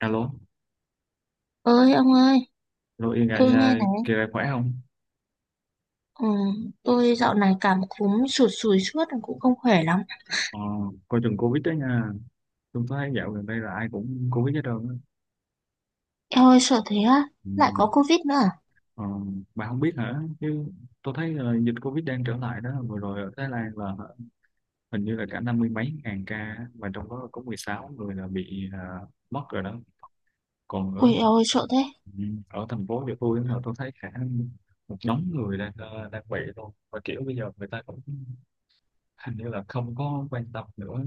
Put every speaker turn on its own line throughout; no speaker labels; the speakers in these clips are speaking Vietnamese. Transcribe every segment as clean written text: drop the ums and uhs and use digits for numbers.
Alo,
Ơi ông ơi,
alo Yên à,
tôi nghe này.
kỳ này khỏe không?
Ừ, tôi dạo này cảm cúm sụt sùi suốt cũng không khỏe lắm.
Ờ, coi chừng Covid đó nha. Tôi thấy dạo gần đây là ai cũng Covid hết trơn á.
Eo ơi, sợ thế á.
Ừ.
Lại có Covid nữa à?
Ờ, bà không biết hả? Chứ tôi thấy là dịch Covid đang trở lại đó. Vừa rồi ở Thái Lan là hình như là cả năm mươi mấy ngàn ca á, và trong đó có 16 người là bị mất rồi đó. Còn
Ui
ở
eo ơi, sợ thế.
ừ, ở thành phố của tôi á, là tôi thấy cả một nhóm người đang đang bị luôn. Và kiểu bây giờ người ta cũng hình như là không có quan tâm nữa.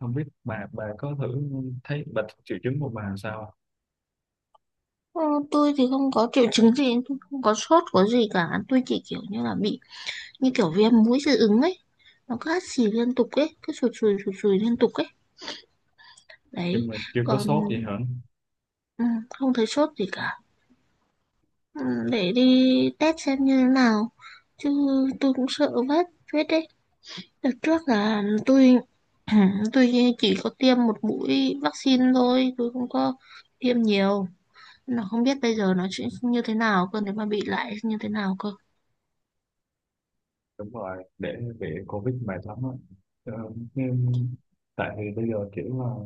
Không biết bà có thử thấy bà triệu chứng của bà sao à?
Ừ, tôi thì không có triệu chứng gì, tôi không có sốt có gì cả, tôi chỉ kiểu như là bị như kiểu viêm mũi dị ứng ấy, nó cứ hắt xì liên tục ấy, cứ sụt sùi liên tục ấy,
Nhưng
đấy.
mà chưa có
Còn
sốt gì hả?
ừ, không thấy sốt gì cả. Ừ, để đi test xem như thế nào chứ. Tôi cũng sợ vết vết đấy. Đợt trước là tôi tôi chỉ có tiêm một mũi vaccine thôi, tôi không có tiêm nhiều. Nó không biết bây giờ nó chuyện như thế nào cơ, nếu mà bị lại như thế nào cơ.
Đúng rồi, để bị covid mệt lắm á. ờ, nhưng- Tại vì bây giờ kiểu là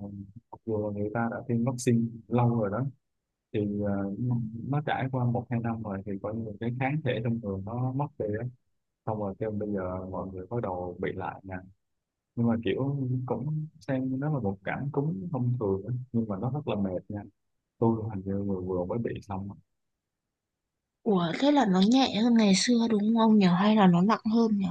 mặc dù người ta đã tiêm vaccine lâu rồi đó thì ờ, nó trải qua một hai năm rồi thì coi như cái kháng thể trong người nó mất đi á, xong rồi kêu bây giờ mọi người bắt đầu bị lại nè. Nhưng mà kiểu cũng xem nó là một cảm cúm thông thường á, nhưng mà nó rất là mệt nha. Tôi hình như vừa vừa mới bị xong á.
Ủa, thế là nó nhẹ hơn ngày xưa đúng không nhỉ? Hay là nó nặng hơn nhỉ?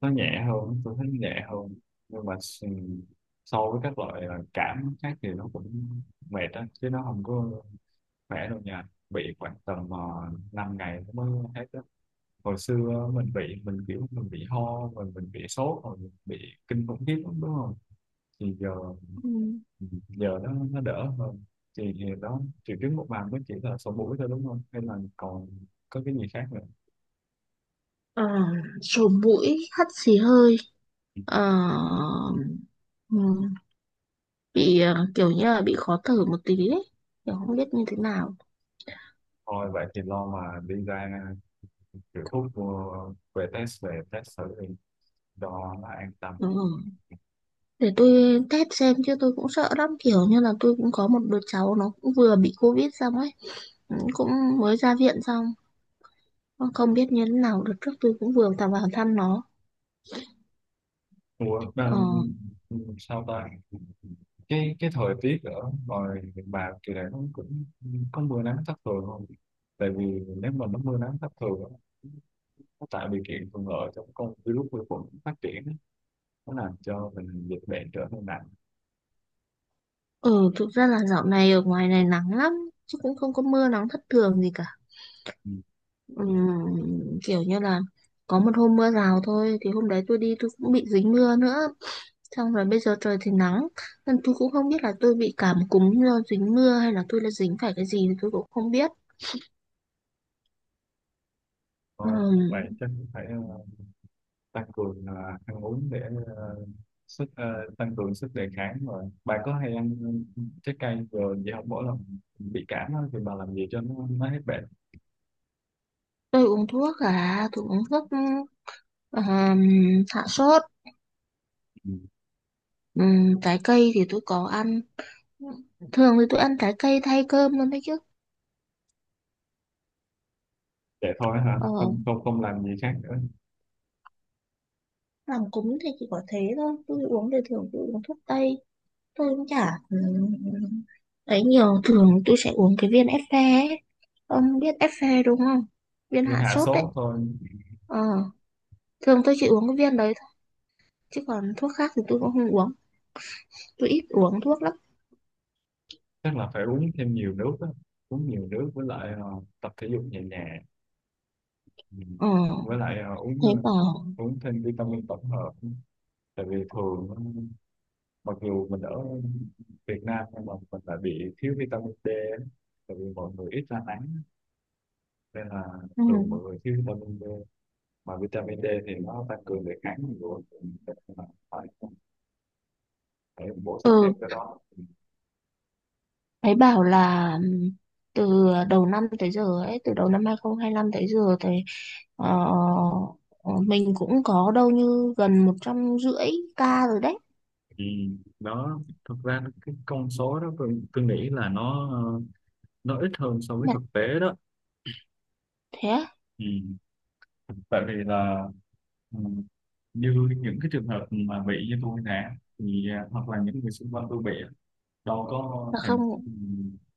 Nó nhẹ hơn, tôi thấy nhẹ hơn. nhưng mà s- so với các loại cảm khác thì nó cũng mệt á, chứ nó không có khỏe đâu nha. Bị khoảng tầm 5 ngày nó mới hết á. Hồi xưa mình bị, mình bị ho rồi mình bị sốt rồi mình bị kinh khủng khiếp lắm, đúng không? Thì giờ,
Ừ.
nó đỡ hơn. Thì đó, triệu chứng một màn mới chỉ là sổ mũi thôi đúng không, hay là còn có cái gì khác nữa?
Ờ, sổ mũi, hắt xì hơi, ờ, ừ, bị kiểu như là bị khó thở một tí ấy. Kiểu không biết như thế nào.
Thôi vậy thì lo mà đi ra kiểu thuốc mua về test, thử đi, đó là an tâm.
Ừ. Để tôi test xem chứ tôi cũng sợ lắm, kiểu như là tôi cũng có một đứa cháu nó cũng vừa bị Covid xong ấy. Ừ, cũng mới ra viện xong, không biết như thế nào được, trước tôi cũng vừa tạm vào thăm nó.
Ủa,
Ờ.
mà, Sao ta, cái thời tiết ở ngoài miền Bà kỳ này nó cũng có mưa nắng thất thường không? Tại vì nếu mà nó mưa nắng thất thường á, nó tạo điều kiện thuận lợi cho con virus vi khuẩn phát triển á, nó làm cho mình dịch bệnh trở nên nặng.
Ừ, thực ra là dạo này ở ngoài này nắng lắm, chứ cũng không có mưa nắng thất thường gì cả.
Ừ.
Ừm, kiểu như là có một hôm mưa rào thôi, thì hôm đấy tôi đi tôi cũng bị dính mưa nữa, xong rồi bây giờ trời thì nắng, nên tôi cũng không biết là tôi bị cảm cúm do dính mưa hay là tôi đã dính phải cái gì thì tôi cũng không biết.
Thôi vậy
Ừm.
chắc cũng phải tăng cường ăn uống để ờ, sức ờ, tăng cường sức đề kháng. Rồi bà có hay ăn trái cây rồi vậy không? Mỗi lần bị cảm á, thì bà làm gì cho nó hết bệnh?
Tôi uống thuốc, à, tôi uống thuốc ừm, hạ sốt.
Ừ.
Trái cây thì tôi có ăn. Thường thì tôi ăn trái cây thay cơm luôn đấy chứ.
Vậy thôi hả?
Ờ,
Không không không làm gì khác nữa.
làm cúng thì chỉ có thế thôi, tôi uống thì thường tôi uống thuốc tây. Tôi cũng chả ấy nhiều, thường tôi sẽ uống cái viên Effe ấy. Ông biết Effe đúng không? Viên
Vì
hạ
hạ
sốt đấy.
sốt thôi.
Ờ, thường tôi chỉ uống cái viên đấy thôi, chứ còn thuốc khác thì tôi cũng không uống. Tôi ít uống thuốc lắm.
Chắc là phải uống thêm nhiều nước á. Uống nhiều nước với lại tập thể dục nhẹ nhàng. Ừ.
Ờ,
Với lại
thế bảo...
uống thêm vitamin tổng hợp. Tại vì thường mặc dù mình ở Việt Nam nhưng mà mình lại bị thiếu vitamin D. á. Tại vì mọi người ít ra nắng nên là
Ừ.
thường mọi người thiếu vitamin D. Mà vitamin D thì nó tăng cường đề kháng của mình. Nên là phải, phải bổ sung thêm
Ừ,
cái đó.
thấy bảo là từ đầu năm tới giờ ấy, từ đầu năm 2025 tới giờ thì ờ, ờ, mình cũng có đâu như gần một trăm rưỡi ca rồi đấy.
Ừ, đó. Cái con số đó, tôi nghĩ là nó nó ít hơn so với
Nhặt,
thực tế đó.
thế
Ừ. Tại vì là ừ, như những cái trường hợp mà bị như tôi nè, thì hoặc là những người xung quanh tôi bị á, đâu có
là
thèm
không.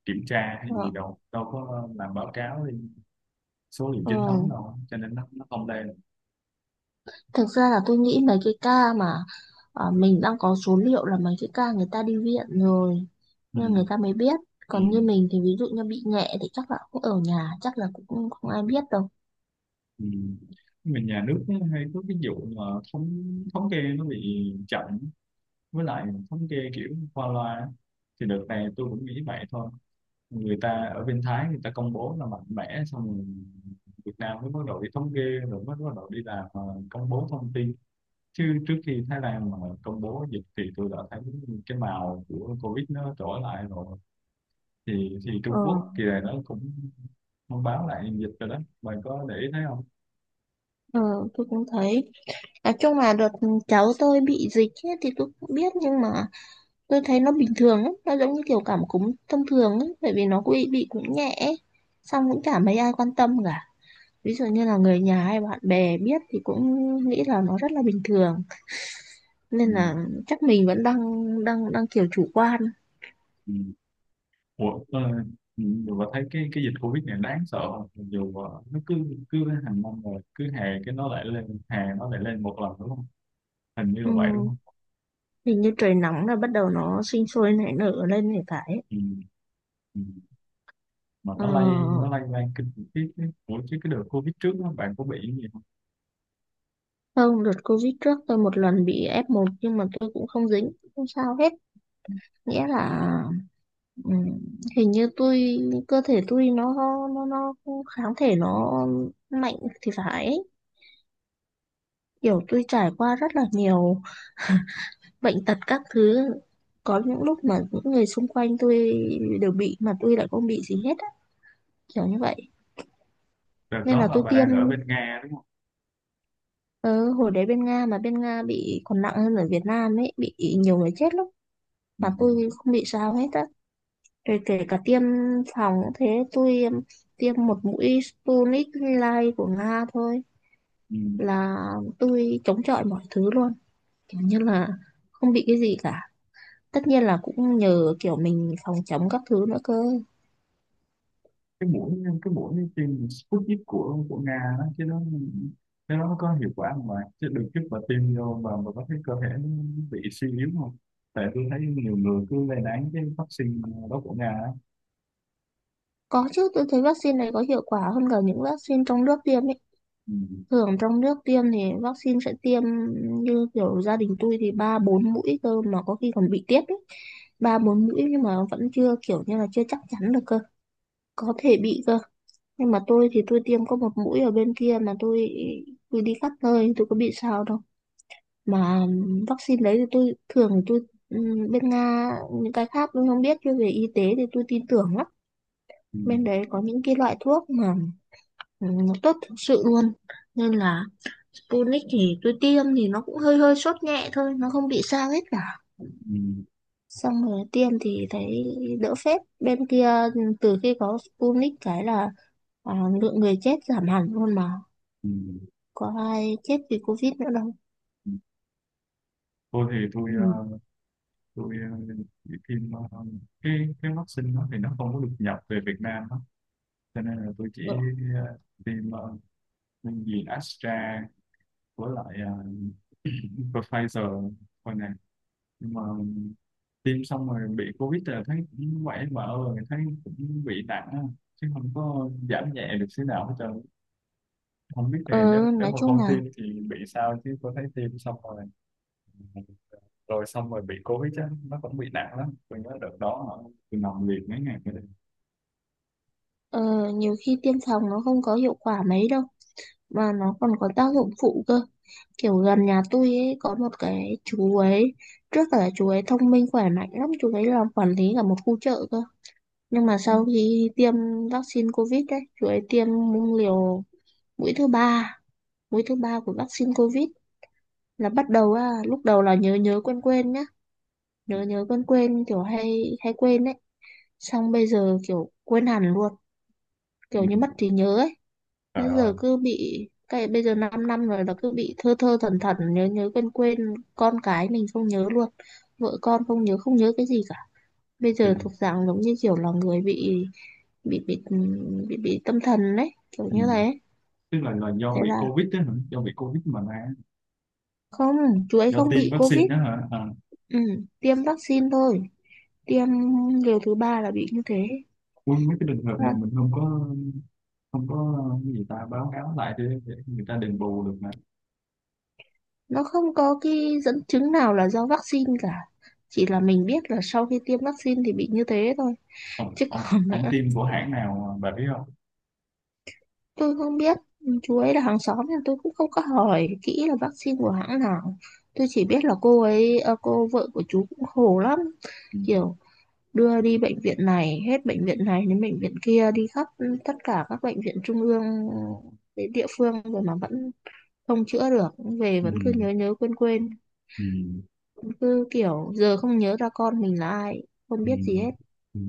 kiểm tra hay gì,
ờ,
đâu đâu có làm báo cáo lên số liệu
ờ.
chính thống đâu, cho nên nó không lên.
Thực ra là tôi nghĩ mấy cái ca mà mình đang có số liệu là mấy cái ca người ta đi viện rồi,
Ừ,
nên người ta mới biết.
ừ,
Còn như mình thì ví dụ như bị nhẹ thì chắc là cũng ở nhà, chắc là cũng không ai biết đâu.
ừ. Mà nhà nước nó hay có cái vụ mà thống thống kê nó bị chậm, với lại thống kê kiểu qua loa á. Thì đợt này tôi cũng nghĩ vậy thôi, người ta ở bên Thái người ta công bố là mạnh mẽ xong rồi Việt Nam mới bắt đầu đi thống kê, rồi mới bắt đầu đi làm công bố thông tin. Chứ trước khi Thái Lan mà công bố dịch thì tôi đã thấy cái màu của Covid nó trở lại rồi. Thì
ờ
Trung Quốc kỳ này nó cũng thông báo lại dịch rồi đó, bạn có để ý thấy không?
ờ tôi cũng thấy. Nói chung là đợt cháu tôi bị dịch ấy, thì tôi cũng biết nhưng mà tôi thấy nó bình thường lắm, nó giống như kiểu cảm cúm thông thường ấy, bởi vì nó cũng bị cũng nhẹ ấy. Xong cũng chả mấy ai quan tâm cả. Ví dụ như là người nhà hay bạn bè biết thì cũng nghĩ là nó rất là bình thường.
Ừ.
Nên là chắc mình vẫn đang đang đang kiểu chủ quan.
Ừ. Ủa, ờ, Nhiều bà thấy cái dịch Covid này đáng sợ không? Dù nó cứ cứ hàng năm rồi cứ hè cái nó lại lên, hè nó lại lên một lần đúng không? Hình như là vậy đúng
Ừm,
không?
hình như trời nóng là bắt đầu nó sinh sôi nảy nở lên thì phải.
Ừ, ừ. Mà
Ờ,
nó lây lan kinh khủng khiếp đấy. Ủa chứ cái đợt Covid trước đó, bạn có bị cái gì không?
không, đợt Covid trước tôi một lần bị F1 nhưng mà tôi cũng không dính, không sao hết. Nghĩa là ừ, hình như tôi cơ thể tôi nó kháng thể nó mạnh thì phải ấy. Kiểu tôi trải qua rất là nhiều bệnh tật các thứ, có những lúc mà những người xung quanh tôi đều bị mà tôi lại không bị gì hết á, kiểu như vậy.
Đợt
Nên
đó
là
là
tôi
bà
tiêm
đang ở bên Nga đúng không?
ờ, hồi đấy bên Nga, mà bên Nga bị còn nặng hơn ở Việt Nam ấy, bị nhiều người chết lắm
Ừ,
mà tôi không bị sao hết á. Rồi kể cả tiêm phòng cũng thế, tôi tiêm một mũi Sputnik Light của Nga thôi
ừ.
là tôi chống chọi mọi thứ luôn, kiểu như là không bị cái gì cả. Tất nhiên là cũng nhờ kiểu mình phòng chống các thứ nữa cơ.
cái mũi cái mũi tiêm Sputnik của Nga đó, chứ nó, nếu nó có hiệu quả không bạn, chứ đừng chút mà tiêm vô mà có thấy cơ thể nó bị suy yếu không? Tại tôi thấy nhiều người cứ lên án cái vaccine đó của Nga á.
Có chứ, tôi thấy vaccine này có hiệu quả hơn cả những vaccine trong nước tiêm ấy.
Ừ,
Thường trong nước tiêm thì vaccine sẽ tiêm như kiểu gia đình tôi thì ba bốn mũi cơ, mà có khi còn bị tiếp ấy. Ba bốn mũi nhưng mà vẫn chưa, kiểu như là chưa chắc chắn được cơ, có thể bị cơ. Nhưng mà tôi thì tôi tiêm có một mũi ở bên kia mà tôi đi khắp nơi tôi có bị sao đâu. Mà vaccine đấy thì tôi thường thì tôi bên Nga những cái khác tôi không biết, nhưng về y tế thì tôi tin tưởng lắm.
ừ,
Bên đấy có những cái loại thuốc mà nó tốt thực sự luôn. Nên là Sputnik thì tôi tiêm thì nó cũng hơi hơi sốt nhẹ thôi, nó không bị sao hết cả.
ừ,
Xong rồi tiêm thì thấy đỡ phết bên kia. Ừ, từ khi có Sputnik cái là, à, lượng người chết giảm hẳn luôn mà,
ừ.
có ai chết vì Covid nữa đâu.
Ừ. Tôi thì
Ừ.
tôi ờ, bị tiêm cái vaccine đó thì nó không có được nhập về Việt Nam đó. Cho nên là tôi chỉ ờ, tiêm gì Astra với lại Pfizer thôi nè. Nhưng mà tiêm xong rồi bị covid là thấy cũng quậy vợ rồi, thấy cũng bị nặng á, chứ không có giảm nhẹ được xíu nào hết trơn. Không biết thì
Ờ,
nếu nếu
nói
mà
chung
không
là.
tiêm thì bị sao, chứ có thấy tiêm xong rồi, xong rồi bị covid á, nó cũng bị nặng lắm. Tôi nhớ đợt đó hả, tôi nằm liệt mấy ngày mới được.
Ờ, nhiều khi tiêm phòng nó không có hiệu quả mấy đâu, mà nó còn có tác dụng phụ cơ. Kiểu gần nhà tôi ấy, có một cái chú ấy, trước cả chú ấy thông minh khỏe mạnh lắm, chú ấy làm quản lý cả một khu chợ cơ, nhưng mà
Ừ.
sau khi tiêm vaccine Covid đấy, chú ấy tiêm liều mũi thứ ba, mũi thứ ba của vaccine Covid là bắt đầu á, lúc đầu là nhớ nhớ quên quên nhá, nhớ nhớ quên quên kiểu hay hay quên ấy, xong bây giờ kiểu quên hẳn luôn, kiểu
Ừ.
như mất trí nhớ ấy.
Trời
Bây
ơi.
giờ cứ bị cái, bây giờ 5 năm năm rồi là cứ bị thơ thơ thẩn thẩn, nhớ nhớ quên quên, con cái mình không nhớ luôn, vợ con không nhớ, không nhớ cái gì cả. Bây giờ
Kinh.
thuộc dạng giống như kiểu là người bị bị bị tâm thần đấy, kiểu
Ừ.
như thế.
Tức là do
Thế
bị
là
covid đó hả, do bị covid mà ra?
không, chú ấy
Do
không
tiêm
bị
vaccine
Covid.
đó hả? À.
Ừ, tiêm vaccine thôi, tiêm liều thứ ba là bị như thế.
Ui, mấy cái trường
Thế
hợp
là
này mình không có, không có cái gì ta báo cáo lại đi để người ta đền bù được.
nó không có cái dẫn chứng nào là do vaccine cả, chỉ là mình biết là sau khi tiêm vaccine thì bị như thế thôi. Chứ còn
Ông
nữa.
team của hãng nào bà biết không?
Tôi không biết, chú ấy là hàng xóm nên tôi cũng không có hỏi kỹ là vaccine của hãng nào. Tôi chỉ biết là cô ấy, à, cô vợ của chú cũng khổ lắm.
Ừ,
Kiểu đưa đi bệnh viện này, hết bệnh viện này đến bệnh viện kia, đi khắp tất cả các bệnh viện trung ương đến địa phương rồi mà vẫn không chữa được. Về
ừ,
vẫn cứ nhớ nhớ quên quên,
ừ,
vẫn cứ kiểu giờ không nhớ ra con mình là ai, không
ừ,
biết gì hết.
ừ.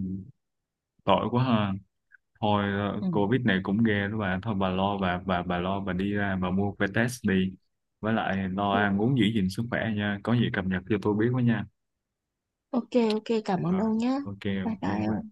Tội quá ha. Thôi
Ừ.
Covid này cũng ghê đó bà. Thôi bà lo, bà lo bà đi ra bà mua que test đi, với lại lo ăn uống
Ừ.
giữ gìn sức khỏe nha, có gì cập nhật cho tôi biết với nha.
Ok, ok, cảm ơn
Rồi.
ông nhé.
Ok.
Bye
Ok
bye
bà.
ông.